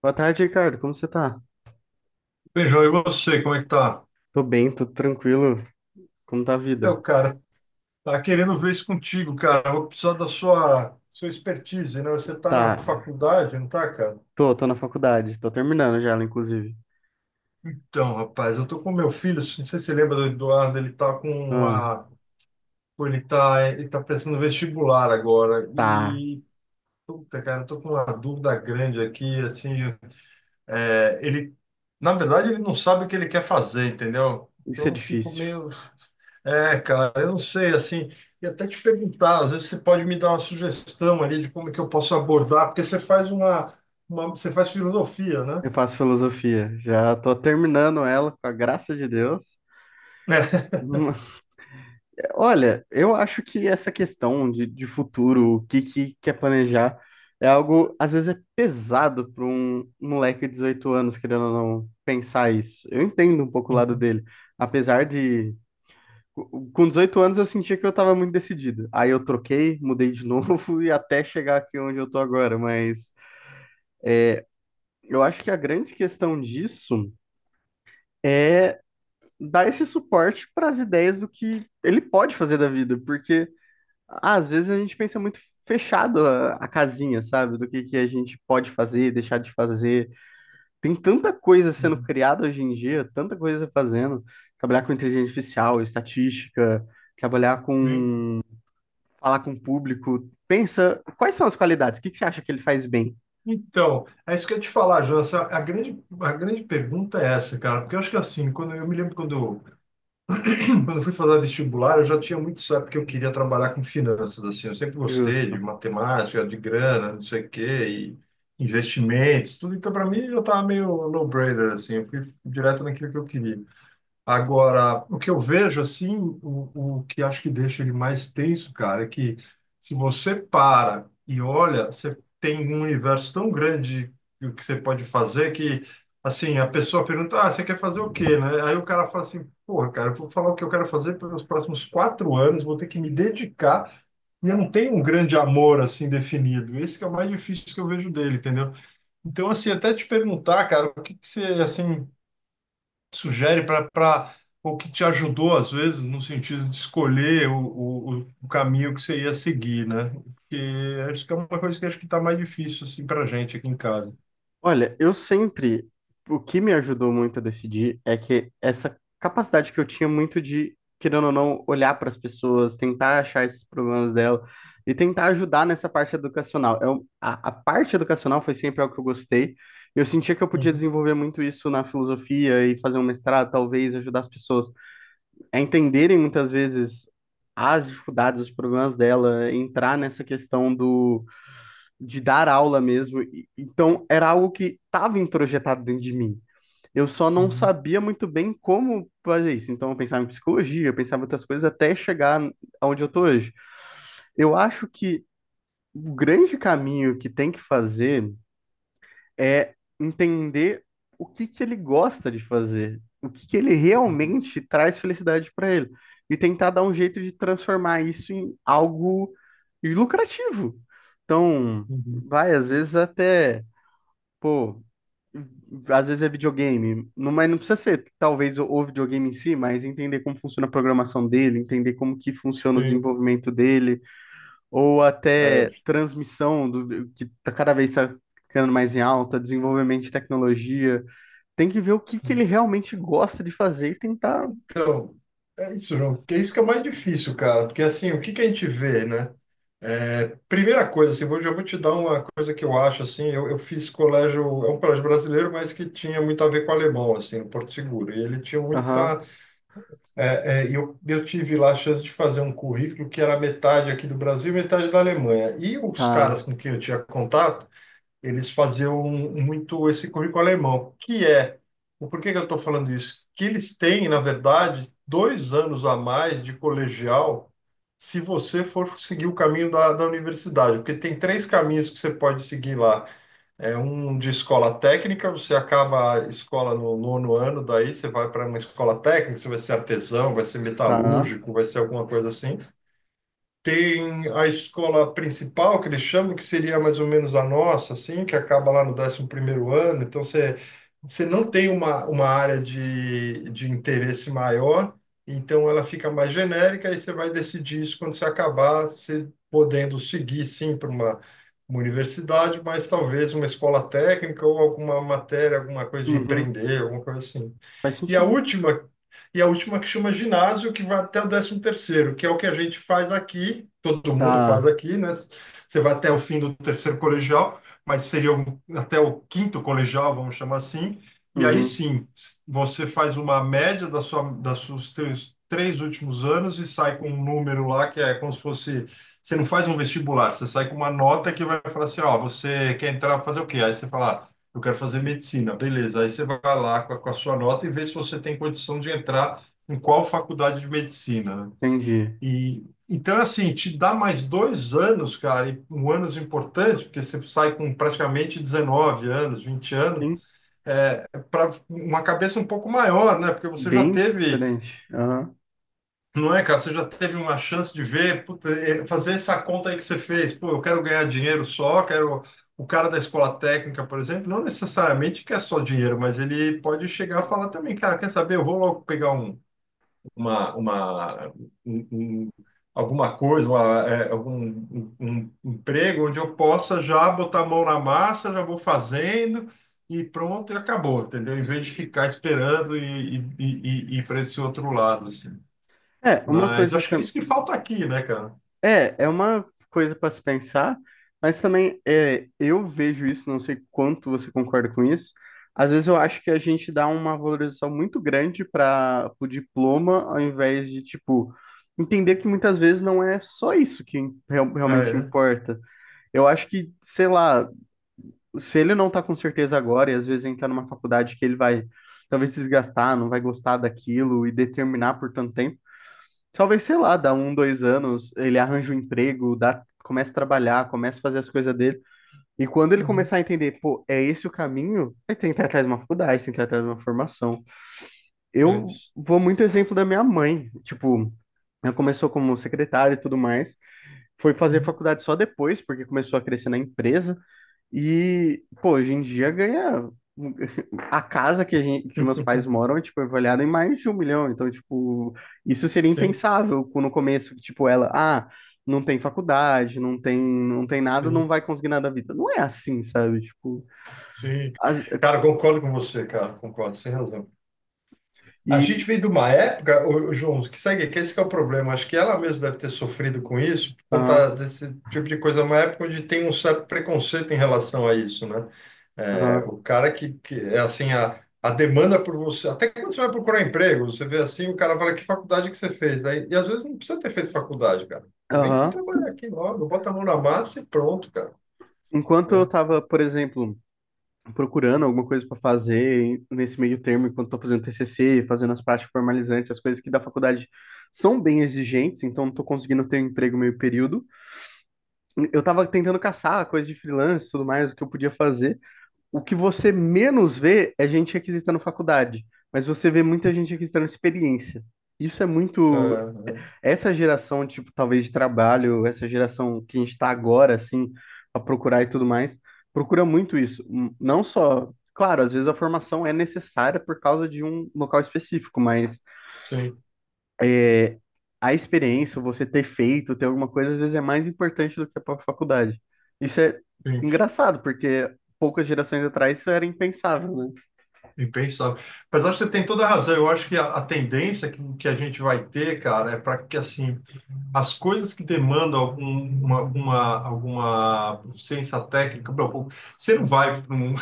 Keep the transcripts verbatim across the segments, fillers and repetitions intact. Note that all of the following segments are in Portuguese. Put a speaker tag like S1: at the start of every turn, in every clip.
S1: Boa tarde, Ricardo. Como você tá?
S2: Beijão, e você, como é que tá?
S1: Tô bem, tô tranquilo. Como tá a
S2: Então,
S1: vida?
S2: cara, tá querendo ver isso contigo, cara. Vou precisar da sua, sua expertise, né? Você tá na
S1: Tá.
S2: faculdade, não tá, cara?
S1: Tô, tô na faculdade. Tô terminando já ela, inclusive.
S2: Então, rapaz, eu tô com meu filho, não sei se você lembra do Eduardo, ele tá com
S1: Ah,
S2: uma... Pô, Ele tá, ele tá prestando vestibular agora
S1: tá.
S2: e... Puta, cara, eu tô com uma dúvida grande aqui, assim, é, ele... Na verdade, ele não sabe o que ele quer fazer, entendeu?
S1: Isso é
S2: Então, eu fico
S1: difícil.
S2: meio. É, cara, eu não sei, assim, e até te perguntar, às vezes você pode me dar uma sugestão ali de como é que eu posso abordar, porque você faz uma, uma- você faz filosofia, né?
S1: Eu faço filosofia. Já tô terminando ela, com a graça de Deus. Hum, Olha, eu acho que essa questão de, de futuro, o que que quer planejar, é algo, às vezes, é pesado para um moleque de dezoito anos, querendo ou não, pensar isso. Eu entendo um pouco o lado
S2: Uhum,
S1: dele. Apesar de Com com dezoito anos eu sentia que eu estava muito decidido. Aí eu troquei, mudei de novo e até chegar aqui onde eu tô agora. Mas eu acho que a grande questão disso é dar esse suporte para as ideias do que ele pode fazer da vida, porque ah, às vezes a gente pensa muito fechado a, a casinha, sabe? Do que que a gente pode fazer, deixar de fazer. Tem tanta coisa sendo
S2: uhum.
S1: criada hoje em dia, tanta coisa fazendo. Trabalhar com inteligência artificial, estatística, trabalhar
S2: Sim.
S1: com falar com o público. Pensa, quais são as qualidades? O que que você acha que ele faz bem?
S2: Então, é isso que eu ia te falar, João. A grande, a grande pergunta é essa, cara, porque eu acho que assim, quando eu me lembro quando quando eu fui fazer vestibular, eu já tinha muito certo que eu queria trabalhar com finanças, assim, eu sempre gostei de
S1: Justo.
S2: matemática, de grana, não sei o quê, e investimentos, tudo. Então, para mim, já estava meio no-brainer, assim, eu fui direto naquilo que eu queria. Agora, o que eu vejo assim, o, o que acho que deixa ele mais tenso, cara, é que se você para e olha, você tem um universo tão grande de o que você pode fazer que, assim, a pessoa pergunta, ah, você quer fazer o quê, né? Aí o cara fala assim, porra, cara, eu vou falar o que eu quero fazer pelos próximos quatro anos, vou ter que me dedicar e eu não tenho um grande amor assim definido. Esse que é o mais difícil que eu vejo dele, entendeu? Então, assim, até te perguntar, cara, o que que você, assim, sugere para o que te ajudou, às vezes, no sentido de escolher o, o, o caminho que você ia seguir, né? Porque acho que é uma coisa que acho que está mais difícil assim, para a gente aqui em casa.
S1: Olha, eu sempre, o que me ajudou muito a decidir é que essa capacidade que eu tinha muito de, querendo ou não, olhar para as pessoas, tentar achar esses problemas dela e tentar ajudar nessa parte educacional. Eu, a, a parte educacional foi sempre algo que eu gostei. Eu sentia que eu podia
S2: Uhum,
S1: desenvolver muito isso na filosofia e fazer um mestrado, talvez, ajudar as pessoas. É entenderem muitas vezes as dificuldades, os problemas dela, entrar nessa questão do de dar aula mesmo. Então, era algo que estava introjetado dentro de mim. Eu só não
S2: uhum,
S1: sabia muito bem como fazer isso. Então, eu pensava em psicologia, eu pensava em outras coisas até chegar onde eu estou hoje. Eu acho que o grande caminho que tem que fazer é entender o que que ele gosta de fazer, o que que ele
S2: uhum,
S1: realmente traz felicidade para ele, e tentar dar um jeito de transformar isso em algo lucrativo. Então,
S2: uhum.
S1: vai, às vezes até, pô, às vezes é videogame, não, mas não precisa ser talvez o, o videogame em si, mas entender como funciona a programação dele, entender como que funciona o
S2: Sim.
S1: desenvolvimento dele, ou até
S2: É,
S1: transmissão do, que tá cada vez tá ficando mais em alta, desenvolvimento de tecnologia. Tem que ver o que que ele
S2: sim.
S1: realmente gosta de fazer e tentar.
S2: Então, é isso, João. Porque é isso que é mais difícil, cara. Porque assim, o que que a gente vê, né? É, primeira coisa, assim, vou, já vou te dar uma coisa que eu acho, assim, eu, eu fiz colégio, é um colégio brasileiro, mas que tinha muito a ver com alemão, assim, no Porto Seguro. E ele tinha
S1: Aham,
S2: muita. É, é, eu, eu tive lá a chance de fazer um currículo que era metade aqui do Brasil e metade da Alemanha. E os
S1: tá,
S2: caras com quem eu tinha contato, eles faziam um, muito esse currículo alemão, que é, o que que eu estou falando isso? Que eles têm, na verdade, dois anos a mais de colegial se você for seguir o caminho da, da universidade, porque tem três caminhos que você pode seguir lá. É um de escola técnica, você acaba a escola no nono ano, daí você vai para uma escola técnica, você vai ser artesão, vai ser
S1: tá.
S2: metalúrgico, vai ser alguma coisa assim. Tem a escola principal, que eles chamam, que seria mais ou menos a nossa, assim, que acaba lá no décimo primeiro ano. Então, você, você não tem uma, uma área de, de interesse maior, então ela fica mais genérica e você vai decidir isso quando você acabar, você podendo seguir, sim, para uma, uma universidade, mas talvez uma escola técnica ou alguma matéria, alguma coisa de
S1: Uhum,
S2: empreender, alguma coisa assim.
S1: faz
S2: E a
S1: sentido.
S2: última e a última que chama ginásio, que vai até o décimo terceiro, que é o que a gente faz aqui, todo mundo faz
S1: Tá,
S2: aqui, né? Você vai até o fim do terceiro colegial, mas seria o- até o quinto colegial, vamos chamar assim, e aí
S1: uhum,
S2: sim, você faz uma média da sua, das seus três, três últimos anos e sai com um número lá que é como se fosse. Você não faz um vestibular, você sai com uma nota que vai falar assim: ó, você quer entrar para fazer o quê? Aí você fala eu quero fazer medicina. Beleza, aí você vai lá com a, com a sua nota e vê se você tem condição de entrar em qual faculdade de medicina, né?
S1: entendi.
S2: E então, assim, te dá mais dois anos, cara, e um anos importante, porque você sai com praticamente dezenove anos, vinte anos,
S1: Sim,
S2: é, para uma cabeça um pouco maior, né? Porque você já
S1: bem
S2: teve.
S1: diferente. Aham.
S2: Não é, cara? Você já teve uma chance de ver, puta, é, fazer essa conta aí que você fez. Pô, eu quero ganhar dinheiro só, quero. O cara da escola técnica, por exemplo, não necessariamente quer só dinheiro, mas ele pode chegar a falar também, cara, quer saber? Eu vou logo pegar um, uma, uma, um- um- alguma coisa, uma, é, algum um, um emprego onde eu possa já botar a mão na massa, já vou fazendo e pronto, e acabou, entendeu? Em vez de ficar esperando e, e, e, e ir para esse outro lado, assim.
S1: É, uma
S2: Mas
S1: coisa
S2: acho que é
S1: tam-
S2: isso que falta aqui, né, cara?
S1: É, é uma coisa para se pensar, mas também é, eu vejo isso, não sei quanto você concorda com isso. Às vezes eu acho que a gente dá uma valorização muito grande para o diploma, ao invés de, tipo, entender que muitas vezes não é só isso que real-
S2: Ah,
S1: realmente
S2: é?
S1: importa. Eu acho que, sei lá, se ele não tá com certeza agora, e às vezes entrar numa faculdade que ele vai talvez se desgastar, não vai gostar daquilo e determinar por tanto tempo. Talvez, sei lá, dá um, dois anos, ele arranja um emprego, dá, começa a trabalhar, começa a fazer as coisas dele. E quando ele
S2: Uhum.
S1: começar a entender, pô, é esse o caminho, aí tem que ir atrás de uma faculdade, tem que ir atrás de uma formação.
S2: É
S1: Eu
S2: isso.
S1: vou muito exemplo da minha mãe. Tipo, ela começou como secretária e tudo mais, foi fazer
S2: Uhum.
S1: faculdade só depois, porque começou a crescer na empresa. E, pô, hoje em dia ganha. A casa que, a gente, que meus pais moram é, tipo, avaliada em mais de um milhão. Então, tipo, isso seria
S2: Sim,
S1: impensável co- no começo, tipo, ela, ah, não tem faculdade, não tem, não tem nada, não
S2: sim,
S1: vai conseguir nada da vida. Não é assim, sabe? Tipo,
S2: sim.
S1: as-
S2: Cara, concordo com você, cara, concordo, sem razão. A
S1: e.
S2: gente veio de uma época, ô, ô, João, que segue, que esse que é o problema. Acho que ela mesma deve ter sofrido com isso, por conta
S1: Aham,
S2: desse tipo de coisa, uma época onde tem um certo preconceito em relação a isso, né? É, o
S1: aham,
S2: cara que, que é assim, a, a demanda por você, até quando você vai procurar emprego, você vê assim, o cara fala, que faculdade que você fez? Aí, e às vezes não precisa ter feito faculdade, cara. Pô, vem
S1: aham.
S2: trabalhar aqui logo, bota a mão na massa e pronto, cara,
S1: Enquanto eu
S2: né?
S1: tava, por exemplo, procurando alguma coisa para fazer nesse meio termo, enquanto estou fazendo T C C, fazendo as práticas formalizantes, as coisas que da faculdade são bem exigentes, então não estou conseguindo ter um emprego meio período. Eu estava tentando caçar coisa de freelance e tudo mais, o que eu podia fazer. O que você menos vê é gente requisitando faculdade, mas você vê muita gente requisitando experiência. Isso é muito,
S2: É,
S1: essa geração, tipo, talvez de trabalho, essa geração que a gente está agora, assim, a procurar e tudo mais, procura muito isso. Hum, Não só, claro, às vezes a formação é necessária por causa de um local específico, mas
S2: sim,
S1: é, a experiência, você ter feito, ter alguma coisa, às vezes é mais importante do que a própria faculdade. Isso é
S2: sim.
S1: engraçado, porque poucas gerações atrás isso era impensável, né?
S2: Impensável. Mas acho que você tem toda a razão. Eu acho que a, a tendência que, que a gente vai ter, cara, é para que assim as coisas que demandam algum, uma, alguma, alguma proficiência técnica, bom, você não vai para um,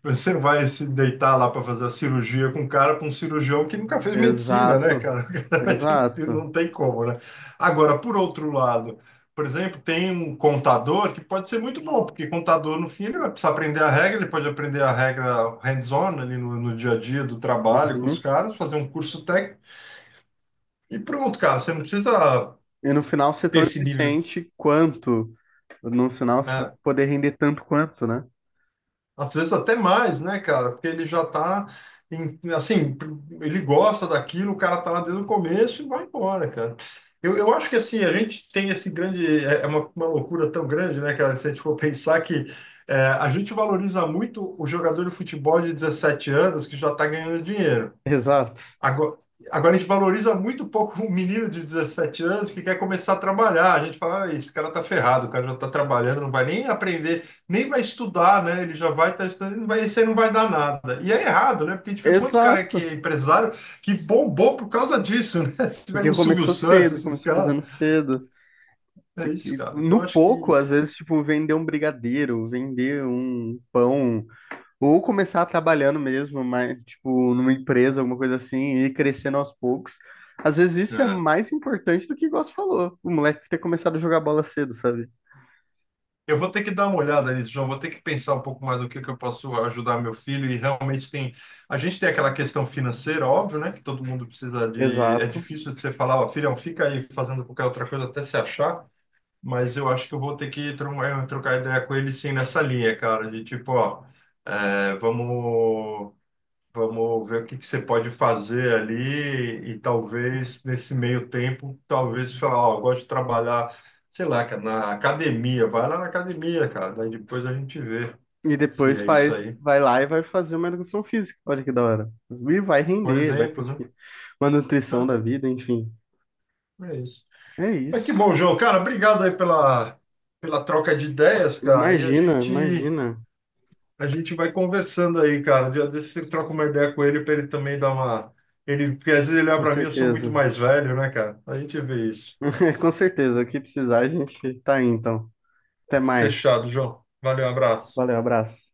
S2: você vai se deitar lá para fazer a cirurgia com um cara, para um cirurgião que nunca fez medicina, né,
S1: Exato,
S2: cara? O cara vai ter que
S1: exato.
S2: não tem como, né? Agora, por outro lado, por exemplo, tem um contador que pode ser muito bom, porque contador, no fim, ele vai precisar aprender a regra, ele pode aprender a regra hands-on ali no, no dia a dia do trabalho com os
S1: Uhum.
S2: caras, fazer um curso técnico e pronto, cara. Você não precisa
S1: E no final ser
S2: ter
S1: tão
S2: esse nível,
S1: eficiente quanto no final se
S2: né?
S1: poder render tanto quanto, né?
S2: Às vezes até mais, né, cara? Porque ele já tá, em- assim, ele gosta daquilo, o cara tá lá desde o começo e vai embora, cara. Eu, eu acho que, assim, a gente tem esse grande... É é uma, uma loucura tão grande, né, cara? Se a gente for pensar que é, a gente valoriza muito o jogador de futebol de dezessete anos que já tá ganhando dinheiro.
S1: Exato.
S2: Agora, agora a gente valoriza muito pouco um menino de dezessete anos que quer começar a trabalhar. A gente fala, ah, esse cara tá ferrado, o cara já tá trabalhando, não vai nem aprender, nem vai estudar, né? Ele já vai estar estudando, não vai, isso aí não vai dar nada. E é errado, né? Porque a gente vê quanto cara que
S1: Exato.
S2: é empresário que bombou por causa disso, né? Se tiver
S1: Porque
S2: um Silvio
S1: começou cedo,
S2: Santos, esses
S1: começou
S2: caras.
S1: fazendo cedo.
S2: É isso,
S1: E, e
S2: cara.
S1: no
S2: Então acho que.
S1: pouco, às vezes, tipo, vender um brigadeiro, vender um pão, ou começar trabalhando mesmo, mas, tipo, numa empresa, alguma coisa assim, e ir crescendo aos poucos. Às vezes isso é
S2: É.
S1: mais importante do que o Gosto falou. O moleque ter começado a jogar bola cedo, sabe?
S2: Eu vou ter que dar uma olhada nisso, João. Vou ter que pensar um pouco mais do que que eu posso ajudar meu filho. E realmente tem. A gente tem aquela questão financeira, óbvio, né? Que todo mundo precisa de. É
S1: Exato.
S2: difícil de você falar, ó, filhão, fica aí fazendo qualquer outra coisa até se achar. Mas eu acho que eu vou ter que tro- eh, trocar ideia com ele sim nessa linha, cara. De tipo, ó, eh, vamos. Vamos ver o que que você pode fazer ali e talvez nesse meio tempo, talvez falar, ó, eu gosto de trabalhar, sei lá, cara, na academia, vai lá na academia, cara, daí depois a gente vê
S1: E
S2: se
S1: depois
S2: é isso
S1: faz,
S2: aí.
S1: vai lá e vai fazer uma educação física. Olha que da hora. E vai
S2: Por
S1: render, vai
S2: exemplo, né?
S1: conseguir. Uma nutrição da vida, enfim.
S2: É é isso.
S1: É
S2: Mas
S1: isso.
S2: que bom, João, cara, obrigado aí pela, pela troca de ideias, cara, e a
S1: Imagina,
S2: gente
S1: imagina.
S2: a gente vai conversando aí, cara. Dia desse você troca uma ideia com ele para ele também dar uma ele, porque às vezes ele olha
S1: Com
S2: para mim, eu sou muito
S1: certeza.
S2: mais velho, né, cara? A gente vê isso.
S1: Com certeza. O que precisar, a gente tá aí, então. Até mais.
S2: Fechado, João. Valeu, abraço.
S1: Valeu, abraço.